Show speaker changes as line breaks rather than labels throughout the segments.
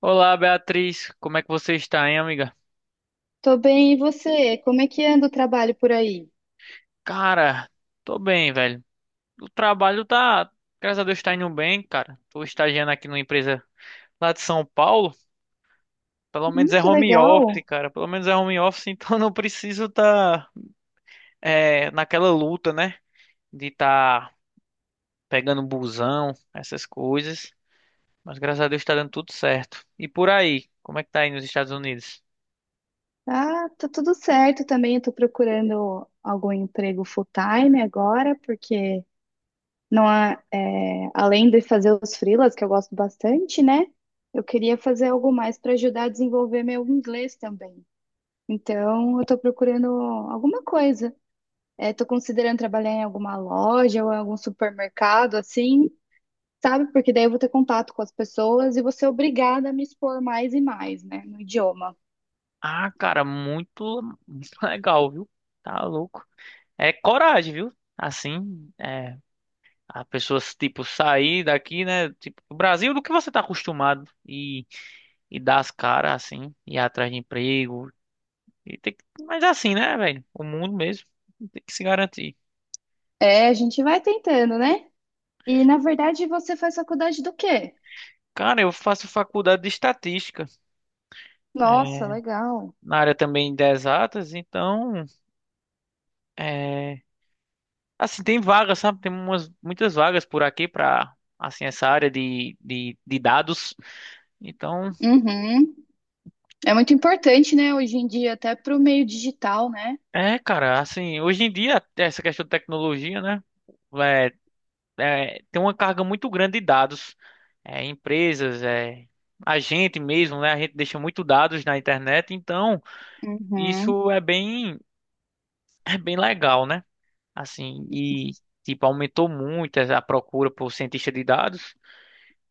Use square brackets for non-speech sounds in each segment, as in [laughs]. Olá, Beatriz. Como é que você está, hein, amiga?
Tô bem, e você? Como é que anda o trabalho por aí?
Cara, tô bem, velho. O trabalho tá, graças a Deus, tá indo bem, cara. Tô estagiando aqui numa empresa lá de São Paulo. Pelo menos é
Que
home office,
legal!
cara. Pelo menos é home office, [laughs] então não preciso tá, naquela luta, né? De tá pegando busão, essas coisas. Mas graças a Deus tá dando tudo certo. E por aí, como é que tá aí nos Estados Unidos?
Ah, tá tudo certo também. Eu tô procurando algum emprego full-time agora, porque não há, além de fazer os freelas, que eu gosto bastante, né? Eu queria fazer algo mais para ajudar a desenvolver meu inglês também. Então, eu tô procurando alguma coisa. Tô considerando trabalhar em alguma loja ou em algum supermercado, assim, sabe? Porque daí eu vou ter contato com as pessoas e vou ser obrigada a me expor mais e mais, né, no idioma.
Ah, cara, muito [laughs] legal, viu? Tá louco. É coragem, viu? Assim, a pessoa, tipo, sair daqui, né? Tipo, do Brasil, do que você tá acostumado e dar as caras, assim, ir atrás de emprego. E tem que, mas é assim, né, velho? O mundo mesmo tem que se garantir.
É, a gente vai tentando, né? E na verdade você faz faculdade do quê?
Cara, eu faço faculdade de estatística, é,
Nossa, legal.
na área também de exatas, então, é, assim, tem vagas, sabe? Tem umas, muitas vagas por aqui pra, assim, essa área de dados. Então.
Uhum. É muito importante, né, hoje em dia, até para o meio digital, né?
É, cara, assim, hoje em dia, essa questão de tecnologia, né? É, é, tem uma carga muito grande de dados. É, empresas, é, a gente mesmo, né? A gente deixa muito dados na internet, então
Uhum.
isso é bem legal, né? Assim, e tipo, aumentou muito a procura por cientista de dados.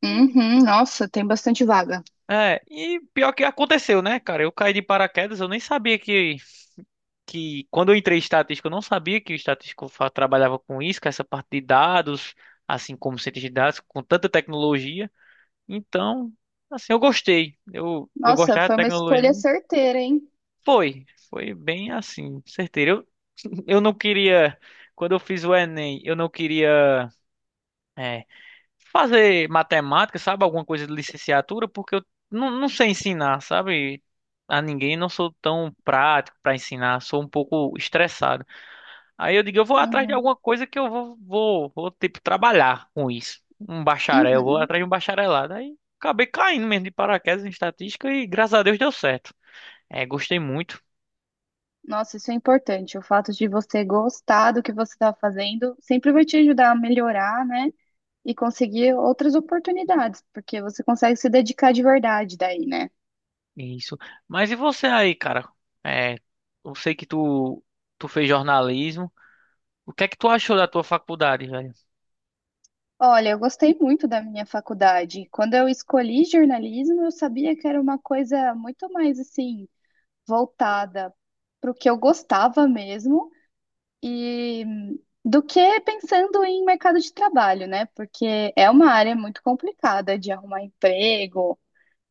E,
Uhum. Nossa, tem bastante vaga.
é, e pior que aconteceu, né, cara? Eu caí de paraquedas, eu nem sabia que quando eu entrei em estatística, eu não sabia que o estatístico trabalhava com isso, com essa parte de dados, assim como cientista de dados, com tanta tecnologia. Então, assim, eu gostei. Eu
Nossa,
gostava de
foi uma
tecnologia.
escolha certeira, hein?
Foi, foi bem assim, certeiro. Eu não queria, quando eu fiz o Enem, eu não queria é, fazer matemática, sabe? Alguma coisa de licenciatura, porque eu não, não sei ensinar, sabe? A ninguém, não sou tão prático para ensinar, sou um pouco estressado. Aí eu digo, eu vou atrás de
Uhum.
alguma coisa que eu vou tipo, trabalhar com isso. Um bacharel, eu vou
Uhum.
atrás de um bacharelado. Aí acabei caindo mesmo de paraquedas em estatística e graças a Deus deu certo. É, gostei muito
Nossa, isso é importante. O fato de você gostar do que você está fazendo sempre vai te ajudar a melhorar, né? E conseguir outras oportunidades, porque você consegue se dedicar de verdade daí, né?
isso. Mas e você aí, cara? É, eu sei que tu, tu fez jornalismo. O que é que tu achou da tua faculdade, velho?
Olha, eu gostei muito da minha faculdade. Quando eu escolhi jornalismo, eu sabia que era uma coisa muito mais assim, voltada para o que eu gostava mesmo e do que pensando em mercado de trabalho, né? Porque é uma área muito complicada de arrumar emprego,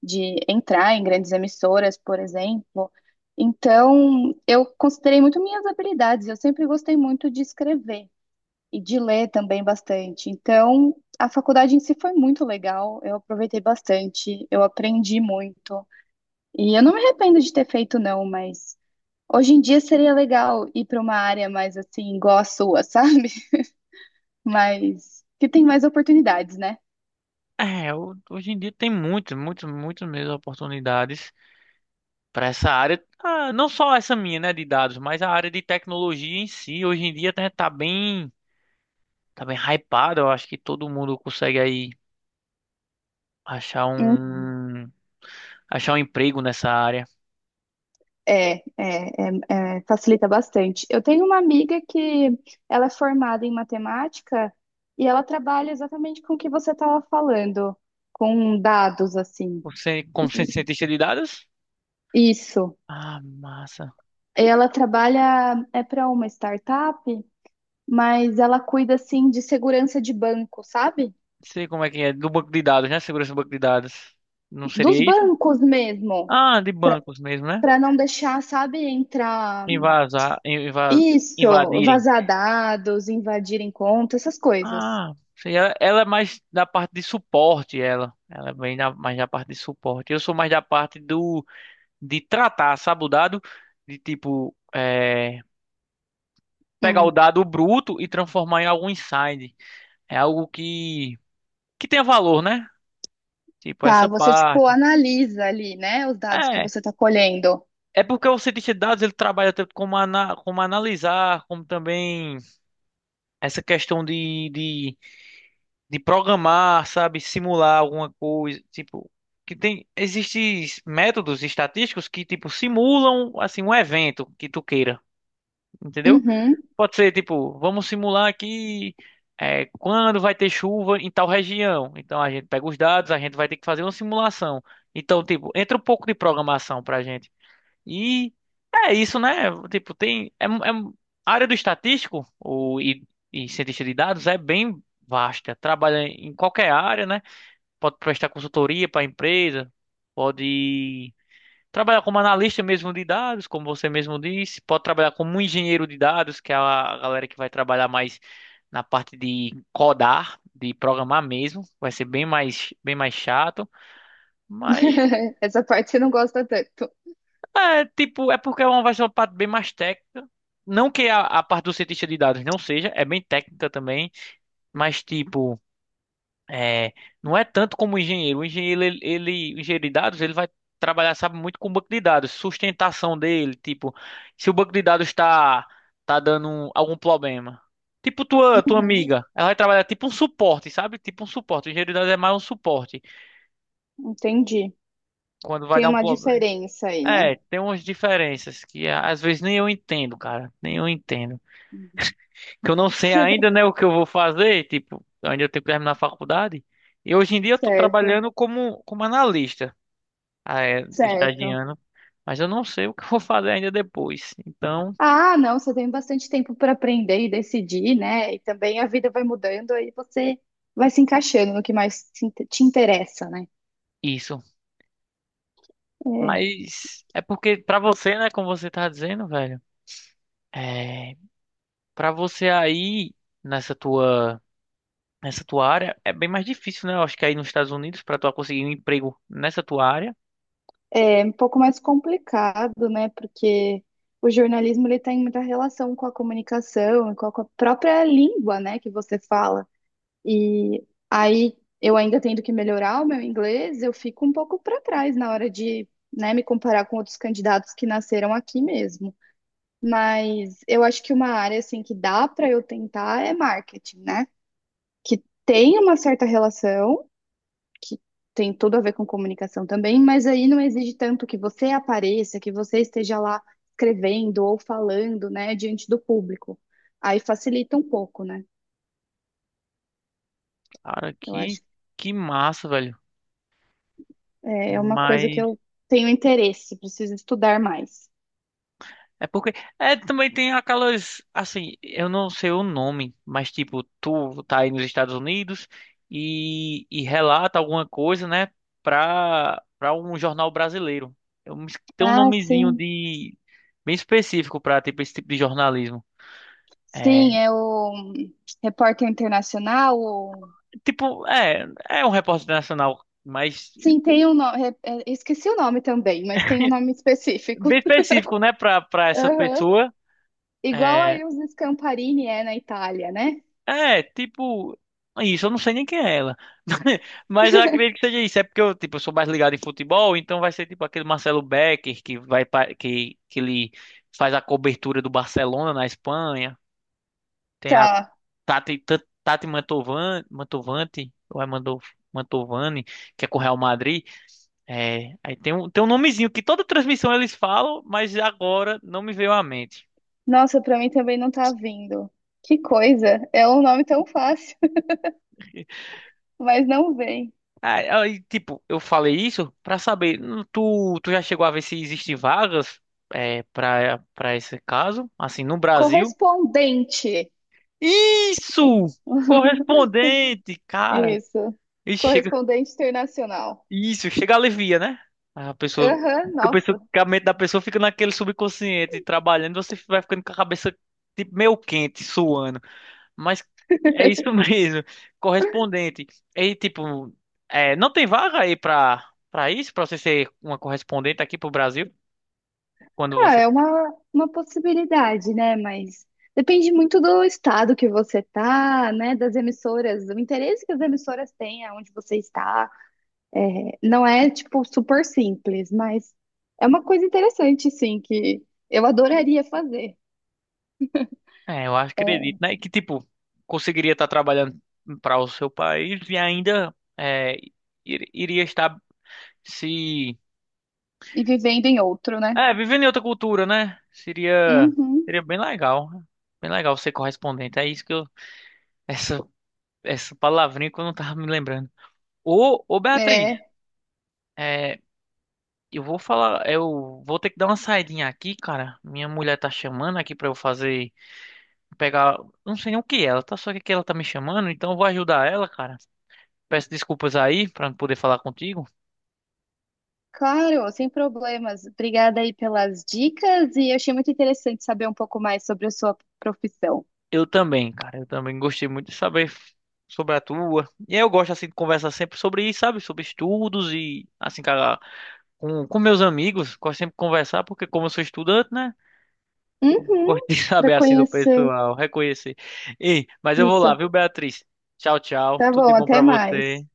de entrar em grandes emissoras, por exemplo. Então, eu considerei muito minhas habilidades. Eu sempre gostei muito de escrever e de ler também bastante. Então, a faculdade em si foi muito legal. Eu aproveitei bastante, eu aprendi muito. E eu não me arrependo de ter feito, não, mas hoje em dia seria legal ir para uma área mais assim, igual a sua, sabe? [laughs] Mas que tem mais oportunidades, né?
É, hoje em dia tem muitas, muitas, muitas mesmo oportunidades para essa área. Ah, não só essa minha, né, de dados, mas a área de tecnologia em si, hoje em dia, né, tá bem hypado. Eu acho que todo mundo consegue aí achar um achar um emprego nessa área.
É, facilita bastante. Eu tenho uma amiga que ela é formada em matemática e ela trabalha exatamente com o que você estava falando, com dados, assim.
Você, como cientista de dados?
Isso.
Ah, massa. Não
Ela trabalha é para uma startup, mas ela cuida assim de segurança de banco, sabe?
sei como é que é. Do banco de dados, né? Segurança do banco de dados. Não
Dos
seria isso?
bancos mesmo,
Ah, de bancos mesmo, né?
para não deixar, sabe, entrar
Invasar, invas,
isso,
invadirem.
vazar dados, invadirem contas, essas coisas.
Ah, seria, ela é mais da parte de suporte, ela. Ela é bem mais da parte de suporte. Eu sou mais da parte do de tratar, sabe, o dado? De tipo, pegar o
Hum.
dado bruto e transformar em algum insight. É algo que tenha valor, né? Tipo,
Tá,
essa
você tipo
parte.
analisa ali, né, os dados que
É.
você tá colhendo.
É porque o cientista de dados ele trabalha tanto como, ana, como analisar, como também essa questão de programar, sabe? Simular alguma coisa. Tipo, que tem. Existem métodos estatísticos que, tipo, simulam assim, um evento que tu queira. Entendeu?
Uhum.
Pode ser, tipo, vamos simular aqui quando vai ter chuva em tal região. Então a gente pega os dados, a gente vai ter que fazer uma simulação. Então, tipo, entra um pouco de programação pra gente. E é isso, né? Tipo, tem. A área do estatístico e cientista de dados é bem vasta. Trabalha em qualquer área, né? Pode prestar consultoria para empresa, pode. Trabalhar como analista mesmo de dados, como você mesmo disse, pode trabalhar como um engenheiro de dados, que é a galera que vai trabalhar mais na parte de codar, de programar mesmo, vai ser bem mais chato, mas
[laughs] Essa parte você não gosta tanto.
é tipo, é porque é uma vai ser uma parte bem mais técnica. Não que a parte do cientista de dados não seja, é bem técnica também, mas tipo, é, não é tanto como o engenheiro. O engenheiro, o engenheiro de dados, ele vai trabalhar, sabe, muito com o banco de dados, sustentação dele, tipo, se o banco de dados está tá dando algum problema. Tipo tua, tua
Uhum.
amiga, ela vai trabalhar tipo um suporte, sabe? Tipo um suporte. O engenheiro de dados é mais um suporte.
Entendi.
Quando vai
Tem
dar um
uma
problema.
diferença aí, né?
É, tem umas diferenças que às vezes nem eu entendo, cara. Nem eu entendo.
Uhum.
Que eu não sei ainda, né, o que eu vou fazer, tipo, eu ainda tenho que terminar a faculdade. E hoje em dia eu tô
Certo,
trabalhando como, como analista. Ah, é,
certo.
estagiando, mas eu não sei o que eu vou fazer ainda depois. Então,
Ah, não, você tem bastante tempo para aprender e decidir, né? E também a vida vai mudando, aí você vai se encaixando no que mais te interessa, né?
isso. Mas é porque pra você, né, como você tá dizendo, velho, é, para você aí nessa tua nessa tua área é bem mais difícil, né? Eu acho que aí nos Estados Unidos pra tu conseguir um emprego nessa tua área,
É um pouco mais complicado, né? Porque o jornalismo ele tem muita relação com a comunicação e com a própria língua, né, que você fala. E aí eu ainda tendo que melhorar o meu inglês, eu fico um pouco para trás na hora de, né, me comparar com outros candidatos que nasceram aqui mesmo. Mas eu acho que uma área assim que dá para eu tentar é marketing, né? Que tem uma certa relação que tem tudo a ver com comunicação também, mas aí não exige tanto que você apareça, que você esteja lá escrevendo ou falando, né, diante do público. Aí facilita um pouco, né?
cara,
Eu acho que
que massa, velho.
é uma coisa que
Mas
eu tenho interesse, preciso estudar mais.
é porque é também tem aquelas assim, eu não sei o nome, mas tipo, tu tá aí nos Estados Unidos e relata alguma coisa, né, pra para um jornal brasileiro. Eu me tem um
Ah,
nomezinho
sim.
de bem específico pra tipo esse tipo de jornalismo.
Sim,
É,
é o repórter internacional.
tipo, é um repórter nacional, mas
Sim, tem um nome. Esqueci o nome também, mas tem um nome específico.
bem específico, né, pra para essa
Aham.
pessoa.
Igual
É,
aí os Scamparini é na Itália, né?
é, tipo, isso, eu não sei nem quem é ela. [laughs] Mas eu acredito que seja isso. É porque eu, tipo, eu sou mais ligado em futebol, então vai ser tipo aquele Marcelo Becker que vai que ele faz a cobertura do Barcelona na Espanha. Tem a
Tá.
Tati Mantovani, Mantovani, ou é Mantovani, que é com o Real Madrid. É, aí tem um nomezinho que toda transmissão eles falam, mas agora não me veio à mente.
Nossa, pra mim também não tá vindo. Que coisa! É um nome tão fácil, [laughs] mas não vem.
Aí, aí, tipo, eu falei isso pra saber, tu, tu já chegou a ver se existem vagas é, para esse caso, assim, no Brasil?
Correspondente.
Isso!
[laughs]
Correspondente, cara.
Isso.
E chega,
Correspondente internacional.
isso, chega alivia, né? A pessoa,
Aham,
fica pensando
nossa.
que a mente da pessoa fica naquele subconsciente trabalhando, você vai ficando com a cabeça tipo meio quente, suando. Mas é isso mesmo. [laughs] Correspondente. E tipo, é, não tem vaga aí pra isso? Pra você ser uma correspondente aqui pro Brasil? Quando
Ah,
você.
é uma possibilidade, né? Mas depende muito do estado que você tá, né? Das emissoras, do interesse que as emissoras têm aonde você está. Não é, tipo, super simples, mas é uma coisa interessante, sim, que eu adoraria fazer.
É, eu
É,
acredito, né? Que tipo, conseguiria estar trabalhando para o seu país e ainda é, iria estar se.
e vivendo em outro, né?
É, vivendo em outra cultura, né? Seria,
Uhum.
seria bem legal. Bem legal ser correspondente. É isso que eu. Essa, essa palavrinha que eu não tava me lembrando. Ô, ô Beatriz.
É,
é, Eu vou falar, eu vou ter que dar uma saidinha aqui, cara. Minha mulher tá chamando aqui pra eu fazer, pegar, não sei nem o que é, ela tá só que ela tá me chamando, então eu vou ajudar ela, cara. Peço desculpas aí pra não poder falar contigo.
claro, sem problemas. Obrigada aí pelas dicas e eu achei muito interessante saber um pouco mais sobre a sua profissão.
Eu também, cara, eu também gostei muito de saber sobre a tua. E eu gosto assim de conversar sempre sobre isso, sabe? Sobre estudos e assim, cara, com meus amigos, gosto sempre de conversar porque como eu sou estudante, né? Gosto
Uhum,
de [laughs]
para
saber assim do
conhecer
pessoal, reconhecer. Ei, mas eu vou lá,
isso.
viu, Beatriz? Tchau, tchau.
Tá
Tudo de
bom,
bom pra
até
você.
mais.